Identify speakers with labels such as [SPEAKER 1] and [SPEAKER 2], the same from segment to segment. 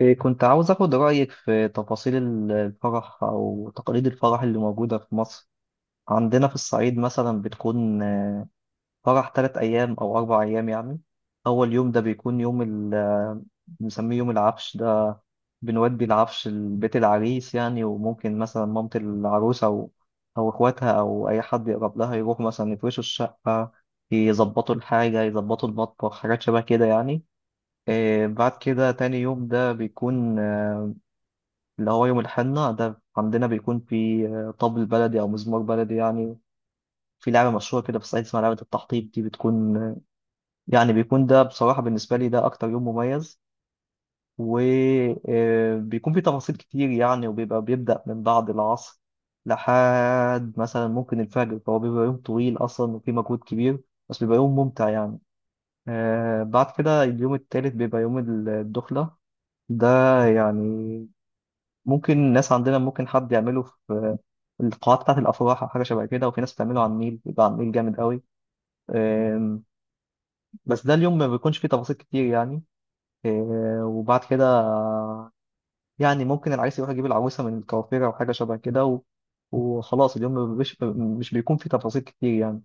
[SPEAKER 1] كنت عاوز أخد رأيك في تفاصيل الفرح أو تقاليد الفرح اللي موجودة في مصر. عندنا في الصعيد مثلا بتكون فرح تلات أيام أو أربع أيام يعني. أول يوم ده بيكون يوم ال آه، بنسميه يوم العفش ده، بنودي العفش لبيت العريس يعني، وممكن مثلا مامة العروس أو إخواتها أو أي حد يقرب لها يروح مثلا يفرشوا الشقة، يظبطوا الحاجة، يظبطوا المطبخ، حاجات شبه كده يعني. إيه بعد كده تاني يوم ده بيكون اللي هو يوم الحنة، ده عندنا بيكون في طبل بلدي أو مزمار بلدي يعني. في لعبة مشهورة كده في الصعيد اسمها لعبة التحطيب، دي بتكون يعني بيكون ده بصراحة بالنسبة لي ده أكتر يوم مميز، وبيكون في تفاصيل كتير يعني، وبيبقى بيبدأ من بعد العصر لحد مثلا ممكن الفجر، فهو بيبقى يوم طويل أصلا وفي مجهود كبير بس بيبقى يوم ممتع يعني. بعد كده اليوم التالت بيبقى يوم الدخلة، ده يعني ممكن الناس عندنا ممكن حد يعمله في القاعات بتاعت الافراح او حاجه شبه كده، وفي ناس بتعمله على النيل، بيبقى على النيل جامد قوي. أم، بس ده اليوم ما بيكونش فيه تفاصيل كتير يعني. وبعد كده يعني ممكن العريس يروح يجيب العروسه من الكوافيره او حاجه شبه كده وخلاص اليوم ما بيبقاش- مش بيكون فيه تفاصيل كتير يعني.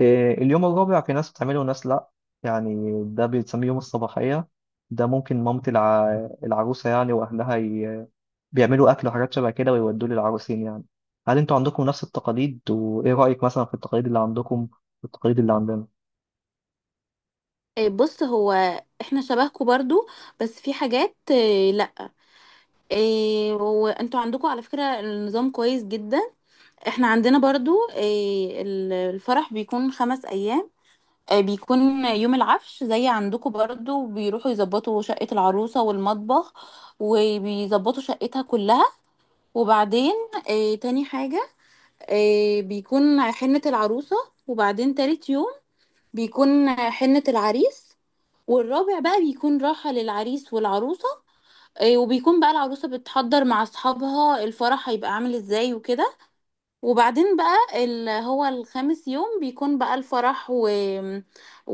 [SPEAKER 1] اليوم الرابع في ناس بتعمله وناس لا، يعني ده بيتسميه يوم الصباحيه، ده ممكن العروسة يعني وأهلها بيعملوا أكل وحاجات شبه كده ويودوه للعروسين يعني. هل أنتوا عندكم نفس التقاليد، وإيه رأيك مثلا في التقاليد اللي عندكم والتقاليد اللي عندنا؟
[SPEAKER 2] إيه، بص هو احنا شبهكم برضو. بس في حاجات، إيه، لا. إيه، وانتوا عندكم على فكرة النظام كويس جدا. احنا عندنا برضو إيه الفرح بيكون 5 ايام. إيه بيكون يوم العفش زي عندكم برضو، بيروحوا يظبطوا شقة العروسة والمطبخ، وبيظبطوا شقتها كلها. وبعدين إيه تاني حاجة، إيه بيكون حنة العروسة. وبعدين تالت يوم بيكون حنة العريس. والرابع بقى بيكون راحة للعريس والعروسة. وبيكون بقى العروسة بتحضر مع أصحابها الفرح هيبقى عامل ازاي وكده. وبعدين بقى هو الخامس يوم بيكون بقى الفرح و...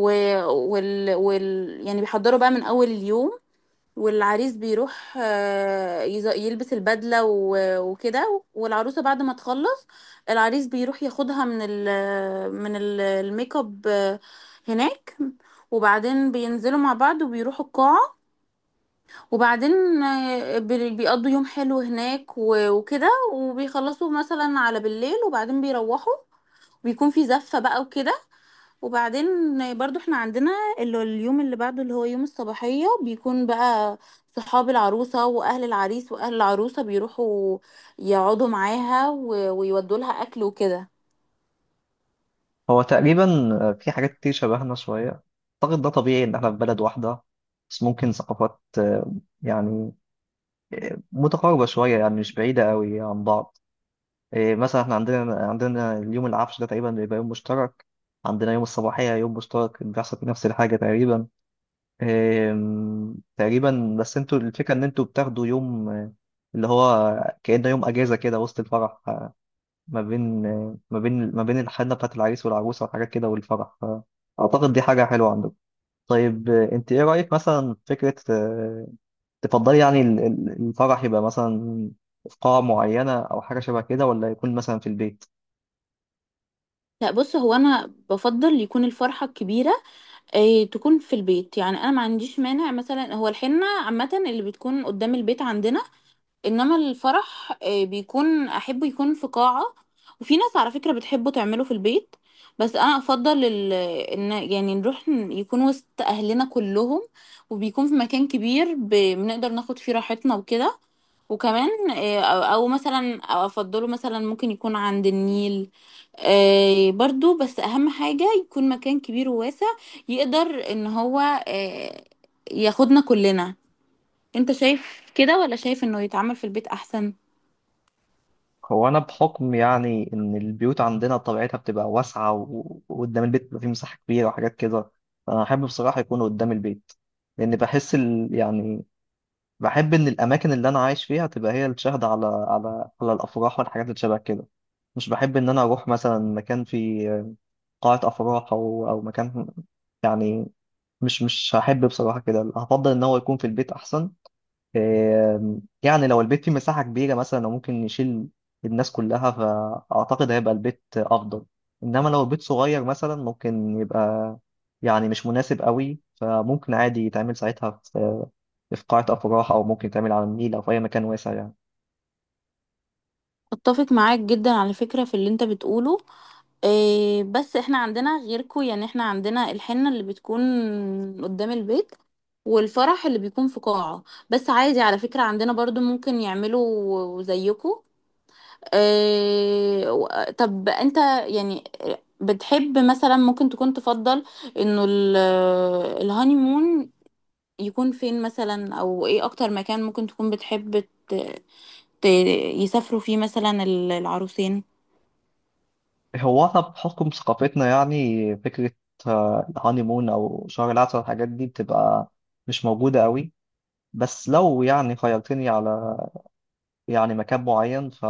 [SPEAKER 2] يعني بيحضروا بقى من أول اليوم. والعريس بيروح، يلبس البدلة وكده، والعروسة بعد ما تخلص العريس بيروح ياخدها من الميك اب، هناك. وبعدين بينزلوا مع بعض وبيروحوا القاعة. وبعدين بيقضوا يوم حلو هناك وكده، وبيخلصوا مثلا على بالليل، وبعدين بيروحوا. بيكون في زفة بقى وكده. وبعدين برضو احنا عندنا اللي اليوم اللي بعده اللي هو يوم الصباحية بيكون بقى صحاب العروسة وأهل العريس وأهل العروسة بيروحوا يقعدوا معاها ويودوا لها أكل وكده.
[SPEAKER 1] هو تقريبا في حاجات كتير شبهنا شوية، أعتقد ده طبيعي إن إحنا في بلد واحدة، بس ممكن ثقافات يعني متقاربة شوية يعني مش بعيدة قوي عن بعض. مثلا إحنا عندنا اليوم العفش ده تقريبا بيبقى يوم مشترك، عندنا يوم الصباحية يوم مشترك بيحصل فيه نفس الحاجة تقريبا. تقريبا بس انتوا الفكرة ان انتوا بتاخدوا يوم اللي هو كأنه يوم اجازة كده وسط الفرح، ما بين الحنة بتاعت العريس والعروسة وحاجات كده والفرح، اعتقد دي حاجة حلوة عندكم. طيب انت ايه رأيك مثلا في فكرة تفضلي يعني الفرح يبقى مثلا في قاعة معينة او حاجة شبه كده، ولا يكون مثلا في البيت؟
[SPEAKER 2] لا، بص هو أنا بفضل يكون الفرحة الكبيرة اه تكون في البيت. يعني أنا ما عنديش مانع، مثلا هو الحنة عامة اللي بتكون قدام البيت عندنا. انما الفرح بيكون احبه يكون في قاعة. وفي ناس على فكرة بتحبه تعمله في البيت. بس انا افضل ان يعني نروح، يكون وسط اهلنا كلهم، وبيكون في مكان كبير بنقدر ناخد فيه راحتنا وكده. وكمان آه، او أو مثلا، أو افضله مثلا ممكن يكون عند النيل، برضو، بس اهم حاجة يكون مكان كبير وواسع يقدر ان هو، آه، ياخدنا كلنا. انت شايف كده ولا شايف انه يتعمل في البيت احسن؟
[SPEAKER 1] هو أنا بحكم يعني إن البيوت عندنا طبيعتها بتبقى واسعة وقدام البيت بيبقى فيه مساحة كبيرة وحاجات كده، فأنا أحب بصراحة يكون قدام البيت، لأن بحس يعني بحب إن الأماكن اللي أنا عايش فيها تبقى هي الشاهدة على على الأفراح والحاجات اللي شبه كده. مش بحب إن أنا أروح مثلا مكان فيه قاعة أفراح أو مكان يعني، مش هحب بصراحة كده، هفضل إن هو يكون في البيت أحسن. يعني لو البيت فيه مساحة كبيرة مثلا أو ممكن يشيل الناس كلها فأعتقد هيبقى البيت أفضل، إنما لو البيت صغير مثلا ممكن يبقى يعني مش مناسب قوي، فممكن عادي يتعمل ساعتها في في قاعة أفراح أو ممكن يتعمل على النيل أو في أي مكان واسع يعني.
[SPEAKER 2] اتفق معاك جدا على فكرة في اللي انت بتقوله. إيه بس احنا عندنا غيركو، يعني احنا عندنا الحنة اللي بتكون قدام البيت والفرح اللي بيكون في قاعة. بس عادي على فكرة عندنا برضو ممكن يعملوا زيكو. إيه طب انت يعني بتحب مثلا ممكن تكون تفضل انه الهانيمون يكون فين مثلا، او ايه اكتر مكان ممكن تكون بتحب ت- يسافروا فيه مثلا العروسين؟
[SPEAKER 1] هو إحنا بحكم ثقافتنا يعني فكرة الهانيمون أو شهر العسل والحاجات دي بتبقى مش موجودة قوي. بس لو يعني خيرتني على يعني مكان معين، ف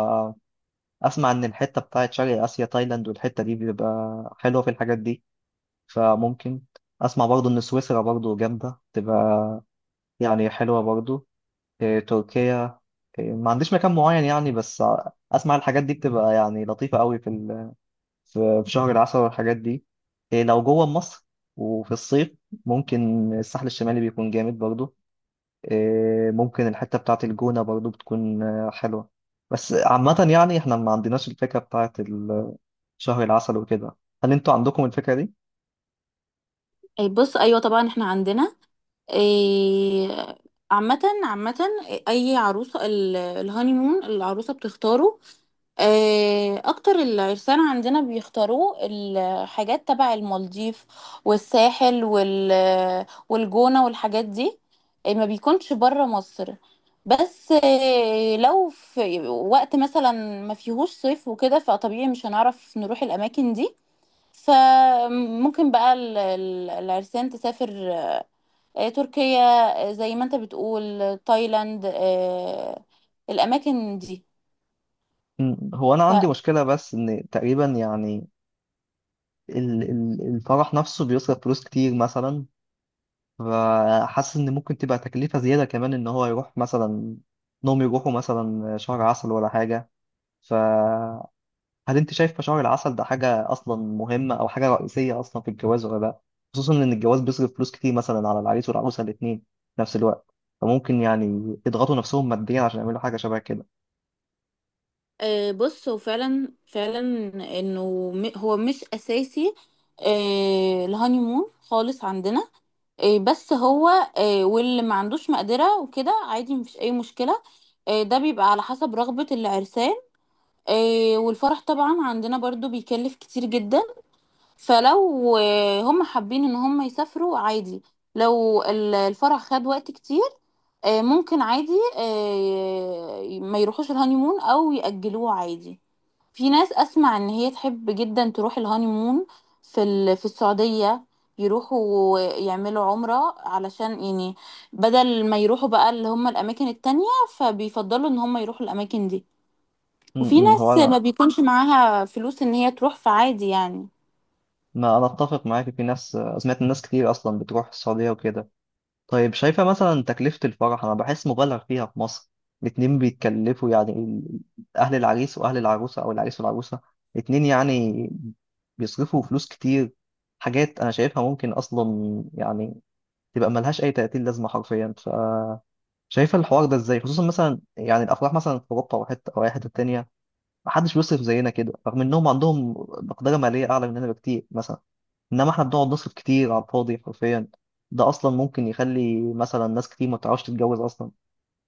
[SPEAKER 1] اسمع ان الحته بتاعت شرق اسيا تايلاند والحته دي بيبقى حلوه في الحاجات دي، فممكن اسمع برضو ان سويسرا برضو جامده تبقى يعني حلوه برضو. تركيا. ما عنديش مكان معين يعني، بس اسمع الحاجات دي بتبقى يعني لطيفه قوي في في شهر العسل والحاجات دي. لو جوه مصر وفي الصيف ممكن الساحل الشمالي بيكون جامد برضو. ممكن الحته بتاعت الجونه برضو بتكون حلوه. بس عامة يعني احنا ما عندناش الفكرة بتاعت شهر العسل وكده. هل انتوا عندكم الفكرة دي؟
[SPEAKER 2] إيه بص ايوه طبعا احنا عندنا، إيه، عامة عامة اي عروسة الهانيمون العروسة بتختاره. اكتر العرسان عندنا بيختاروا الحاجات تبع المالديف والساحل والجونة والحاجات دي. ما بيكونش بره مصر. بس لو في وقت مثلا ما فيهوش صيف وكده فطبيعي مش هنعرف نروح الاماكن دي، فممكن بقى العرسان تسافر تركيا، زي ما انت بتقول تايلاند، الأماكن دي.
[SPEAKER 1] مم. هو انا
[SPEAKER 2] ف
[SPEAKER 1] عندي مشكلة بس ان تقريبا يعني الفرح نفسه بيصرف فلوس كتير مثلا، فحاسس ان ممكن تبقى تكلفة زيادة كمان ان هو يروح مثلا انهم يروحوا مثلا شهر عسل ولا حاجة. فهل انت شايف شهر العسل ده حاجة اصلا مهمة او حاجة رئيسية اصلا في الجواز ولا لا؟ خصوصا ان الجواز بيصرف فلوس كتير مثلا على العريس والعروسة الاتنين في نفس الوقت، فممكن يعني يضغطوا نفسهم ماديا عشان يعملوا حاجة شبه كده.
[SPEAKER 2] آه، بص هو فعلا فعلا انه هو مش اساسي، الهانيمون خالص عندنا. بس هو، واللي ما عندوش مقدرة وكده عادي مفيش اي مشكلة. ده بيبقى على حسب رغبة العرسان. والفرح طبعا عندنا برضو بيكلف كتير جدا. فلو هم حابين ان هم يسافروا عادي، لو الفرح خد وقت كتير، ممكن عادي ما يروحوش الهانيمون او يأجلوه عادي. في ناس اسمع ان هي تحب جدا تروح الهانيمون في في السعودية، يروحوا يعملوا عمرة علشان يعني بدل ما يروحوا بقى اللي هم الاماكن التانية، فبيفضلوا ان هم يروحوا الاماكن دي. وفي
[SPEAKER 1] م- م. هو
[SPEAKER 2] ناس ما
[SPEAKER 1] انا
[SPEAKER 2] بيكونش معاها فلوس ان هي تروح فعادي يعني.
[SPEAKER 1] ما انا اتفق معاك في ناس، سمعت الناس كتير اصلا بتروح السعوديه وكده. طيب شايفه مثلا تكلفه الفرح انا بحس مبالغ فيها في مصر، الاتنين بيتكلفوا يعني اهل العريس واهل العروسه او العريس والعروسه الاتنين يعني بيصرفوا فلوس كتير، حاجات انا شايفها ممكن اصلا يعني تبقى ملهاش اي تأتين لازمه حرفيا. فشايفه الحوار ده ازاي، خصوصا مثلا يعني الافراح مثلا في اوروبا او حته او اي حته تانيه محدش بيصرف زينا كده، رغم انهم عندهم مقدره ماليه اعلى مننا بكتير مثلا، انما احنا بنقعد نصرف كتير على الفاضي حرفيا. ده اصلا ممكن يخلي مثلا ناس كتير ما بتعرفش تتجوز اصلا.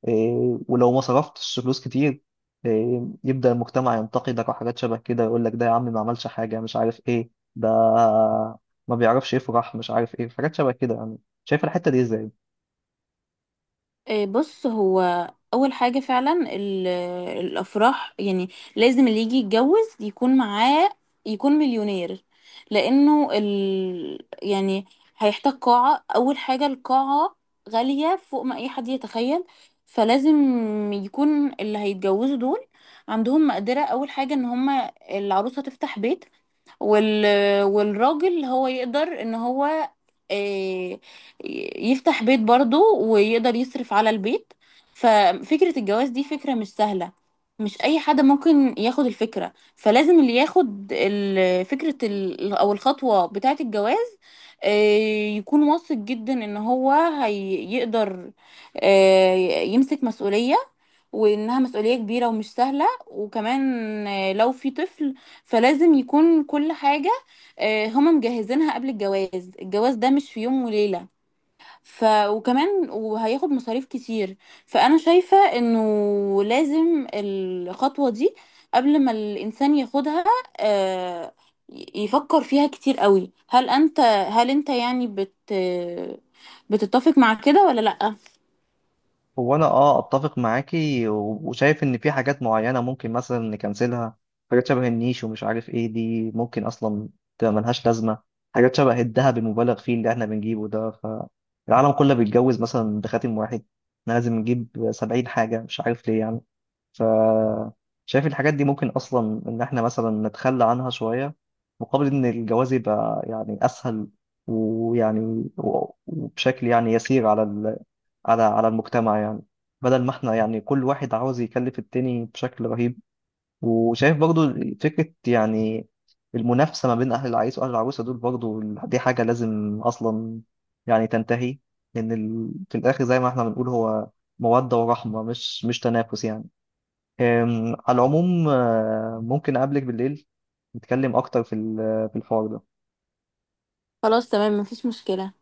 [SPEAKER 1] إيه ولو ما صرفتش فلوس كتير، إيه يبدأ المجتمع ينتقدك وحاجات شبه كده، يقول لك ده يا عم ما عملش حاجة، مش عارف ايه، ده ما بيعرفش يفرح، مش عارف ايه، حاجات شبه كده يعني. شايف الحتة دي ازاي؟
[SPEAKER 2] إيه بص هو اول حاجه فعلا الافراح يعني لازم اللي يجي يتجوز يكون معاه، يكون مليونير. لانه يعني هيحتاج قاعه، اول حاجه القاعه غاليه فوق ما اي حد يتخيل. فلازم يكون اللي هيتجوزوا دول عندهم مقدره، اول حاجه ان هما العروسه تفتح بيت وال... والراجل هو يقدر ان هو، آه، يفتح بيت برضه ويقدر يصرف على البيت. ففكرة الجواز دي فكرة مش سهلة، مش اي حد ممكن ياخد الفكرة. فلازم اللي ياخد فكرة او الخطوة بتاعة الجواز يكون واثق جدا ان هو هيقدر يمسك مسؤولية، وانها مسؤولية كبيرة ومش سهلة. وكمان لو في طفل فلازم يكون كل حاجة هما مجهزينها قبل الجواز. الجواز ده مش في يوم وليلة. وكمان وهياخد مصاريف كتير. فأنا شايفة إنه لازم الخطوة دي قبل ما الإنسان ياخدها آه، يفكر فيها كتير قوي. هل أنت يعني بتتفق مع كده ولا لأ؟
[SPEAKER 1] هو انا اه اتفق معاكي وشايف ان في حاجات معينه ممكن مثلا نكنسلها، حاجات شبه النيش ومش عارف ايه، دي ممكن اصلا تبقى ملهاش لازمه. حاجات شبه الذهب المبالغ فيه اللي احنا بنجيبه ده، فالعالم كله بيتجوز مثلا بخاتم واحد، احنا لازم نجيب سبعين حاجه مش عارف ليه يعني. ف شايف الحاجات دي ممكن اصلا ان احنا مثلا نتخلى عنها شويه مقابل ان الجواز يبقى يعني اسهل، ويعني وبشكل يعني يسير على على المجتمع يعني، بدل ما احنا يعني كل واحد عاوز يكلف التاني بشكل رهيب. وشايف برضو فكرة يعني المنافسة ما بين أهل العريس وأهل العروسة دول برضو، دي حاجة لازم أصلا يعني تنتهي، لأن في الآخر زي ما احنا بنقول هو مودة ورحمة، مش تنافس يعني. على العموم ممكن أقابلك بالليل نتكلم أكتر في في الحوار ده.
[SPEAKER 2] خلاص تمام مفيش مشكلة.